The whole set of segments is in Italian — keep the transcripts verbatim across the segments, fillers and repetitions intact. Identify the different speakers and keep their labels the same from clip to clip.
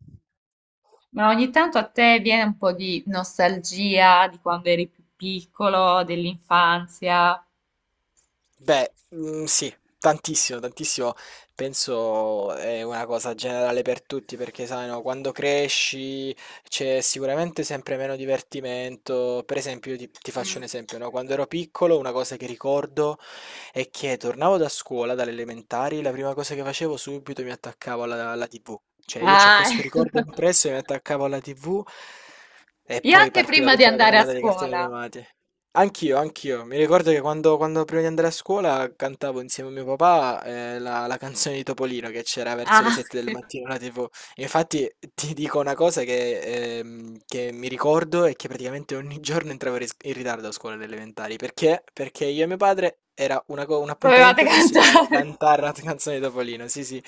Speaker 1: Mh.
Speaker 2: Ma ogni tanto a te viene un po' di nostalgia di quando eri più piccolo, dell'infanzia?
Speaker 1: Beh, mhmm, sì, tantissimo, tantissimo. Penso è una cosa generale per tutti perché sai, no, quando cresci c'è sicuramente sempre meno divertimento. Per esempio, io ti ti faccio un esempio, no, quando ero piccolo una cosa che ricordo è che tornavo da scuola, dalle elementari, la prima cosa che facevo subito mi attaccavo alla alla T V. Cioè io c'ho
Speaker 2: Ah,
Speaker 1: questo
Speaker 2: ecco.
Speaker 1: ricordo impresso e mi attaccavo alla T V e
Speaker 2: Io
Speaker 1: poi
Speaker 2: anche
Speaker 1: partiva
Speaker 2: prima di
Speaker 1: tutta la
Speaker 2: andare a
Speaker 1: carrellata dei cartoni
Speaker 2: scuola.
Speaker 1: animati. Anch'io, anch'io. Mi ricordo che quando, quando prima di andare a scuola cantavo insieme a mio papà eh, la, la canzone di Topolino che c'era verso le
Speaker 2: Ah,
Speaker 1: sette del mattino alla tivù. Infatti ti dico una cosa che, ehm, che mi ricordo è che praticamente ogni giorno entravo in ris- in ritardo a scuola alle elementari. Perché? Perché io e mio padre era una co- un
Speaker 2: dovevate
Speaker 1: appuntamento fisso, dovevamo
Speaker 2: cantare.
Speaker 1: cantare la canzone di Topolino, sì sì.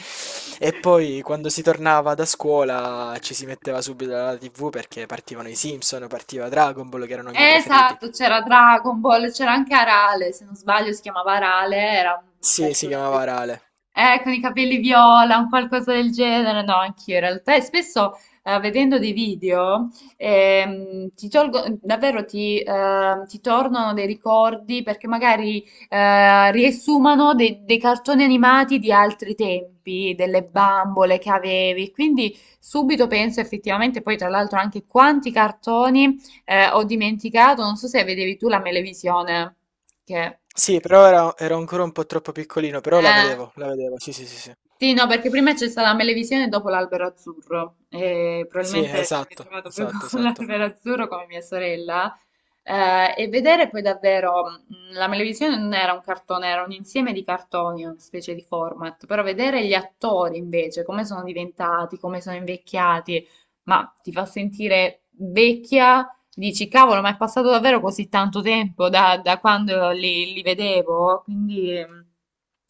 Speaker 1: E poi quando si tornava da scuola ci si metteva subito alla T V perché partivano i Simpson, partiva Dragon Ball che erano i
Speaker 2: Eh,
Speaker 1: miei preferiti.
Speaker 2: Esatto, c'era Dragon Ball, c'era anche Arale, se non sbaglio si chiamava Arale, era un
Speaker 1: Sì, si
Speaker 2: personaggio,
Speaker 1: chiamava Rale.
Speaker 2: eh, con i capelli viola, un qualcosa del genere, no, anch'io in realtà, e spesso eh, vedendo dei video ehm, ti tolgo, davvero ti, ehm, ti tornano dei ricordi perché magari eh, riassumano dei, dei cartoni animati di altri tempi, delle bambole che avevi, quindi subito penso effettivamente, poi tra l'altro anche quanti cartoni eh, ho dimenticato, non so se vedevi tu la Melevisione, che...
Speaker 1: Sì, però era ero ancora un po' troppo piccolino, però la
Speaker 2: eh,
Speaker 1: vedevo, la vedevo, sì, sì, sì, sì.
Speaker 2: sì, no, perché prima c'è stata la Melevisione e dopo l'albero azzurro, e
Speaker 1: Sì,
Speaker 2: probabilmente mi sono
Speaker 1: esatto,
Speaker 2: trovato poi
Speaker 1: esatto,
Speaker 2: con
Speaker 1: esatto.
Speaker 2: l'albero azzurro come mia sorella. Eh, e vedere poi davvero, mh, la Melevisione non era un cartone, era un insieme di cartoni, una specie di format, però vedere gli attori invece, come sono diventati, come sono invecchiati, ma ti fa sentire vecchia. Dici, cavolo, ma è passato davvero così tanto tempo da, da quando li, li vedevo? Quindi, ehm,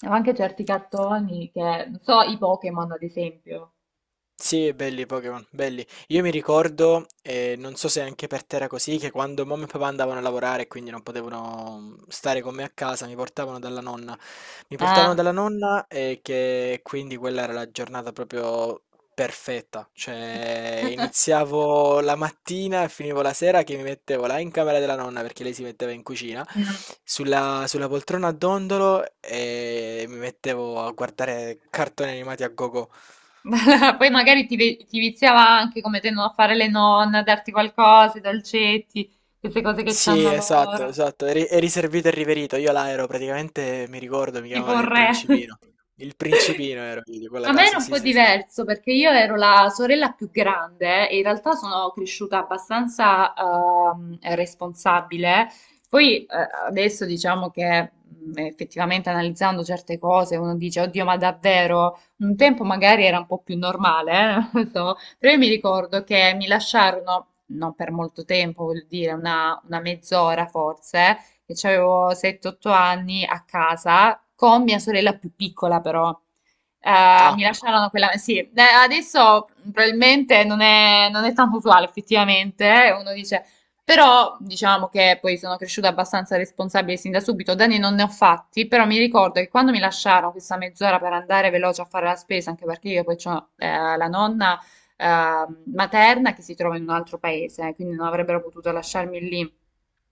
Speaker 2: anche certi cartoni che, non so, i Pokémon ad esempio.
Speaker 1: Sì, belli i Pokémon, belli. Io mi ricordo, eh, non so se anche per te era così, che quando mamma e papà andavano a lavorare e quindi non potevano mm, stare con me a casa, mi portavano dalla nonna. Mi portavano
Speaker 2: Ah.
Speaker 1: dalla nonna e che quindi quella era la giornata proprio perfetta. Cioè, iniziavo la mattina e finivo la sera che mi mettevo là in camera della nonna perché lei si metteva in cucina,
Speaker 2: Mm.
Speaker 1: sulla, sulla poltrona a dondolo e mi mettevo a guardare cartoni animati a gogo.
Speaker 2: Poi magari ti, ve- ti viziava anche come tendono a fare le nonne, a darti qualcosa, i dolcetti, queste cose che
Speaker 1: Sì,
Speaker 2: c'hanno
Speaker 1: esatto,
Speaker 2: loro.
Speaker 1: esatto, è ri è riservito e riverito. Io là ero praticamente, mi ricordo, mi
Speaker 2: Tipo
Speaker 1: chiamavano
Speaker 2: un
Speaker 1: il
Speaker 2: re.
Speaker 1: principino. Il principino ero io di quella
Speaker 2: A me era
Speaker 1: casa,
Speaker 2: un
Speaker 1: sì,
Speaker 2: po'
Speaker 1: sì.
Speaker 2: diverso perché io ero la sorella più grande e in realtà sono cresciuta abbastanza ehm, responsabile. Poi eh, adesso diciamo che mh, effettivamente analizzando certe cose uno dice, oddio, ma davvero? Un tempo magari era un po' più normale, eh, non so. Però io mi ricordo che mi lasciarono, non per molto tempo, vuol dire una una mezz'ora forse, che avevo sette otto anni a casa, con mia sorella più piccola però. Eh,
Speaker 1: Ah,
Speaker 2: mi lasciarono quella... Sì, eh, adesso probabilmente non è, non è tanto usuale effettivamente, eh, uno dice... Però diciamo che poi sono cresciuta abbastanza responsabile sin da subito, danni non ne ho fatti, però mi ricordo che quando mi lasciarono questa mezz'ora per andare veloce a fare la spesa, anche perché io poi ho la nonna eh, materna che si trova in un altro paese, quindi non avrebbero potuto lasciarmi lì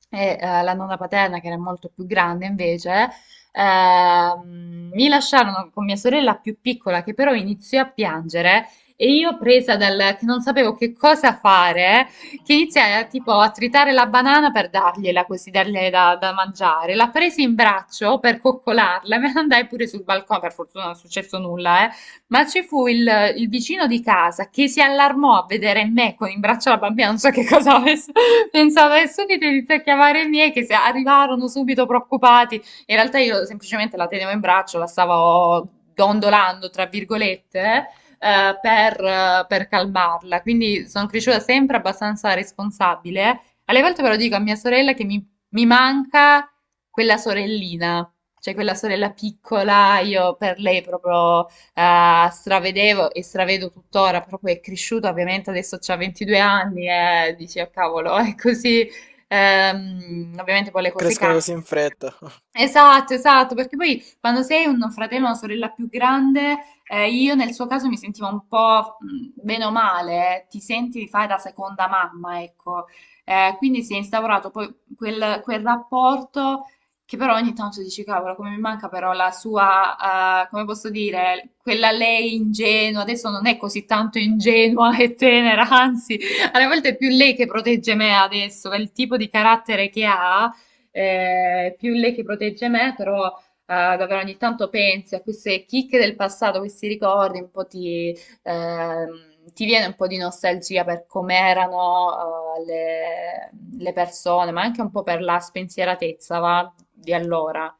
Speaker 2: e eh, la nonna paterna, che era molto più grande invece, ehm, mi lasciarono con mia sorella più piccola, che però iniziò a piangere. E io presa dal che non sapevo che cosa fare, che iniziai a, tipo a tritare la banana per dargliela così, darle da, da mangiare. La presi in braccio per coccolarla, me ne andai pure sul balcone, per fortuna non è successo nulla, eh. Ma ci fu il, il vicino di casa che si allarmò a vedere me con in braccio la bambina, non so che cosa avesse pensavo, e subito inizia a chiamare i miei che se arrivarono subito preoccupati. In realtà io semplicemente la tenevo in braccio, la stavo dondolando, tra virgolette, eh, per, eh, per calmarla. Quindi sono cresciuta sempre abbastanza responsabile. Alle volte però dico a mia sorella che mi, mi manca quella sorellina, cioè quella sorella piccola, io per lei proprio eh, stravedevo e stravedo tuttora, proprio è cresciuta, ovviamente adesso c'ha ventidue anni e dici, "Ah, cavolo, è così." Ehm, ovviamente poi le cose
Speaker 1: crescono
Speaker 2: cambiano.
Speaker 1: così in fretta.
Speaker 2: Esatto, esatto, perché poi quando sei un fratello o una sorella più grande, eh, io nel suo caso mi sentivo un po' mh, bene o male, eh, ti senti di fare da seconda mamma, ecco. Eh, quindi si è instaurato poi quel, quel rapporto che però ogni tanto dici, cavolo, come mi manca però la sua, eh, come posso dire, quella lei ingenua, adesso non è così tanto ingenua e tenera, anzi, alle volte è più lei che protegge me adesso, per il tipo di carattere che ha, eh, più lei che protegge me, però eh, davvero ogni tanto pensi a queste chicche del passato, questi ricordi, un po' ti, ehm, ti viene un po' di nostalgia per com'erano eh, le, le persone, ma anche un po' per la spensieratezza, va, di allora.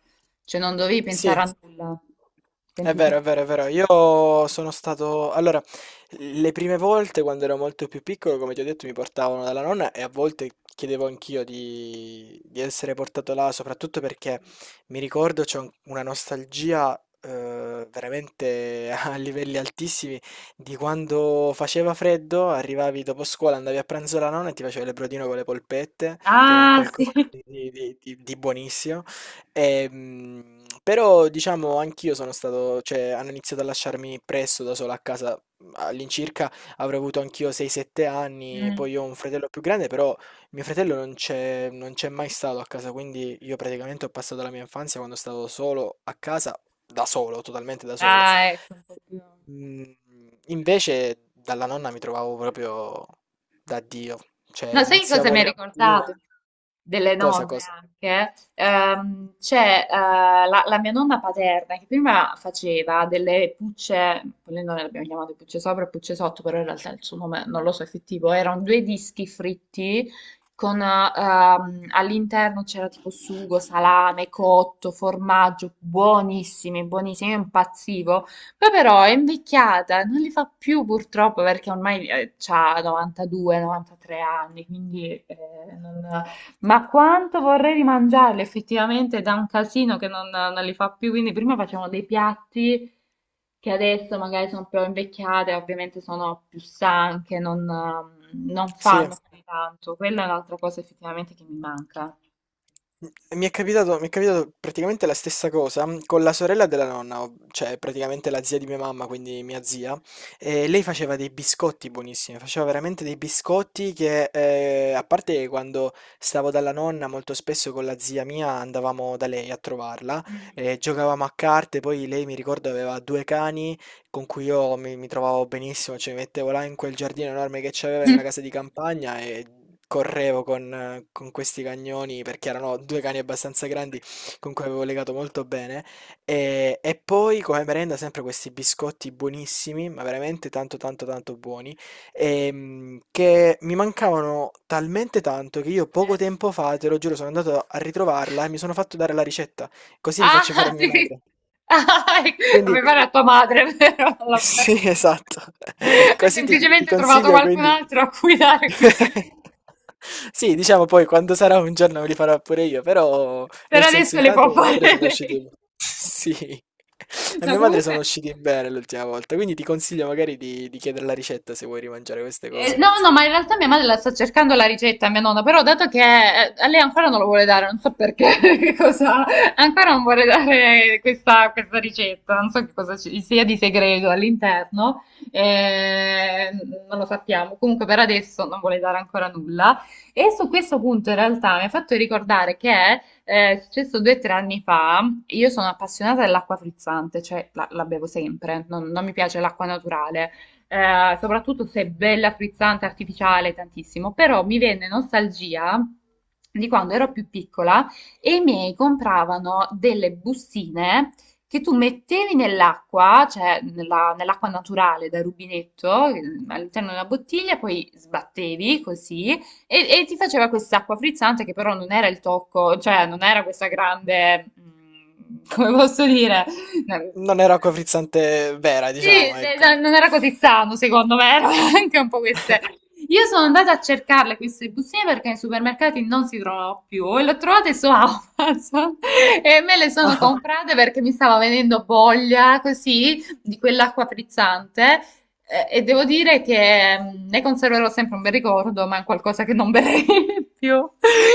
Speaker 2: Cioè non dovevi
Speaker 1: Sì.
Speaker 2: pensare a nulla,
Speaker 1: È vero, è
Speaker 2: semplicemente.
Speaker 1: vero, è vero. Io sono stato. Allora, le prime volte quando ero molto più piccolo, come ti ho detto, mi portavano dalla nonna e a volte chiedevo anch'io di, di essere portato là, soprattutto perché mi ricordo c'è un- una nostalgia eh, veramente a livelli altissimi di quando faceva freddo, arrivavi dopo scuola, andavi a pranzo alla nonna e ti facevi il brodino con le polpette, che era un
Speaker 2: Ah, sì.
Speaker 1: qualcosa di, di di- di buonissimo. Ehm, Però diciamo anch'io sono stato, cioè hanno iniziato a lasciarmi presto da solo a casa, all'incirca avrò avuto anch'io sei sette anni,
Speaker 2: Mm.
Speaker 1: poi ho un fratello più grande, però mio fratello non c'è non c'è mai stato a casa, quindi io praticamente ho passato la mia infanzia quando stavo solo a casa, da solo, totalmente da solo.
Speaker 2: Ah, ecco, un po' più.
Speaker 1: Mm, Invece dalla nonna mi trovavo proprio da Dio, cioè
Speaker 2: No, sai che cosa
Speaker 1: iniziavo
Speaker 2: mi ha
Speaker 1: la mattina,
Speaker 2: ricordato? Delle
Speaker 1: cosa
Speaker 2: nonne
Speaker 1: cosa?
Speaker 2: anche. Ehm, c'è eh, la, la mia nonna paterna che prima faceva delle pucce, poi noi le abbiamo chiamate pucce sopra e pucce sotto, però in realtà il suo nome non lo so effettivo, erano due dischi fritti con eh, ehm, all'interno c'era tipo sugo, salame, cotto, formaggio, buonissimi, buonissimi, io impazzivo. Poi però è invecchiata, non li fa più purtroppo perché ormai ha novantadue, novantatré anni, quindi eh, non- Ma quanto vorrei rimangiarli effettivamente, da un casino che non, non li fa più, quindi prima facevano dei piatti che adesso magari sono più invecchiate, ovviamente sono più stanche, non, non
Speaker 1: Sì.
Speaker 2: fanno più tanto. Quella è un'altra cosa effettivamente che mi manca.
Speaker 1: Mhmm, Mi è capitato, mi è capitato praticamente la stessa cosa mm, con la sorella della nonna, ov- cioè praticamente la zia di mia mamma, quindi mia zia. E lei faceva dei biscotti buonissimi, faceva veramente dei biscotti che, eh, a parte che quando stavo dalla nonna, molto spesso con la zia mia andavamo da lei a trovarla,
Speaker 2: Mm.
Speaker 1: e giocavamo a carte, poi lei mi ricordo aveva due cani con cui io mi, mi trovavo benissimo, cioè mi mettevo là in quel giardino enorme che c'aveva in una casa di campagna e correvo con, con questi cagnoni perché erano due cani abbastanza grandi con cui avevo legato molto bene. E, e poi come merenda sempre questi biscotti buonissimi, ma veramente tanto tanto tanto buoni, ehm, che mi mancavano talmente tanto che io
Speaker 2: Mm. Eh,
Speaker 1: poco tempo fa, te lo giuro, sono andato a ritrovarla e mi sono fatto dare la ricetta, così li faccio fare a
Speaker 2: Ah,
Speaker 1: mia
Speaker 2: sì.
Speaker 1: madre.
Speaker 2: Ah,
Speaker 1: Quindi
Speaker 2: aveva la tua madre, vero? Alla-
Speaker 1: sì, esatto.
Speaker 2: Hai
Speaker 1: Così ti ti
Speaker 2: semplicemente trovato
Speaker 1: consiglio
Speaker 2: qualcun
Speaker 1: quindi.
Speaker 2: altro a cui dare questo.
Speaker 1: Sì, diciamo poi quando sarà un giorno li farò pure io, però
Speaker 2: Per
Speaker 1: nel senso
Speaker 2: adesso le
Speaker 1: intanto
Speaker 2: può
Speaker 1: mia madre
Speaker 2: fare
Speaker 1: sono
Speaker 2: lei.
Speaker 1: usciti. Sì, a
Speaker 2: No,
Speaker 1: mia madre
Speaker 2: comunque,
Speaker 1: sono usciti bene l'ultima volta, quindi ti consiglio magari di, di chiedere la ricetta se vuoi rimangiare queste
Speaker 2: Eh,
Speaker 1: cose.
Speaker 2: no, no, ma in realtà mia madre la sta cercando la ricetta, mia nonna, però dato che eh, a lei ancora non lo vuole dare, non so perché, che cosa, ancora non vuole dare questa, questa ricetta, non so che cosa ci sia di segreto all'interno, eh, non lo sappiamo, comunque per adesso non vuole dare ancora nulla. E su questo punto in realtà mi ha fatto ricordare che eh, è successo due o tre anni fa. Io sono appassionata dell'acqua frizzante, cioè la, la bevo sempre, non non mi piace l'acqua naturale, eh, soprattutto se è bella, frizzante, artificiale, tantissimo, però mi venne nostalgia di quando ero più piccola e i miei compravano delle bustine che tu mettevi nell'acqua, cioè nella- nell'acqua naturale da rubinetto, eh, all'interno di una bottiglia, poi sbattevi così e, e ti faceva quest'acqua frizzante che però non era il tocco, cioè non era questa grande, mm, come posso dire,
Speaker 1: Non era acqua frizzante vera,
Speaker 2: sì,
Speaker 1: diciamo,
Speaker 2: beh,
Speaker 1: ecco.
Speaker 2: no, non era così sano, secondo me, erano anche un po' queste. Io sono andata a cercarle queste bustine perché nei supermercati non si trovano più e le ho trovate su Amazon. E me le sono
Speaker 1: Ah,
Speaker 2: comprate perché mi stava venendo voglia così di quell'acqua frizzante, eh, e devo dire che mm, ne conserverò sempre un bel ricordo, ma è qualcosa che non berrei più.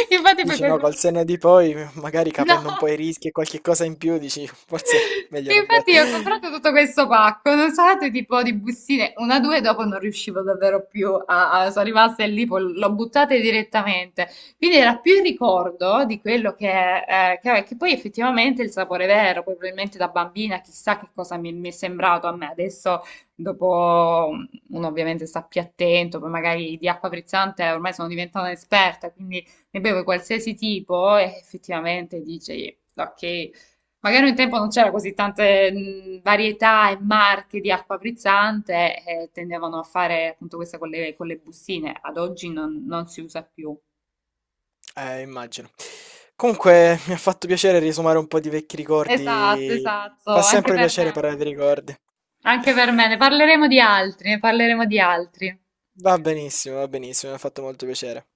Speaker 2: Infatti poi
Speaker 1: dici no,
Speaker 2: questo...
Speaker 1: col senno di poi, magari capendo un po'
Speaker 2: No!
Speaker 1: i rischi e qualche cosa in più, dici forse meglio non bere.
Speaker 2: Infatti io ho comprato tutto questo pacco, non sapete, tipo di bustine, una, due, dopo non riuscivo davvero più a, a- sono rimaste lì, poi l'ho buttate direttamente. Quindi era più il ricordo di quello che, eh, che, che poi effettivamente il sapore vero, poi probabilmente da bambina chissà che cosa mi, mi è sembrato a me. Adesso, dopo, uno ovviamente sta più attento, poi magari di acqua frizzante ormai sono diventata un'esperta, quindi ne bevo qualsiasi tipo e effettivamente dici, ok. Magari un tempo non c'era così tante mh, varietà e marche di acqua frizzante e tendevano a fare appunto questa con le, con le bustine. Ad oggi non, non si usa più.
Speaker 1: Eh, immagino. Comunque, mi ha fatto piacere riesumare un po' di vecchi
Speaker 2: Esatto,
Speaker 1: ricordi. Fa
Speaker 2: esatto, anche
Speaker 1: sempre
Speaker 2: per
Speaker 1: piacere
Speaker 2: me.
Speaker 1: parlare di ricordi.
Speaker 2: Anche per me. Ne parleremo di altri, ne parleremo di altri.
Speaker 1: Va benissimo, va benissimo, mi ha fatto molto piacere.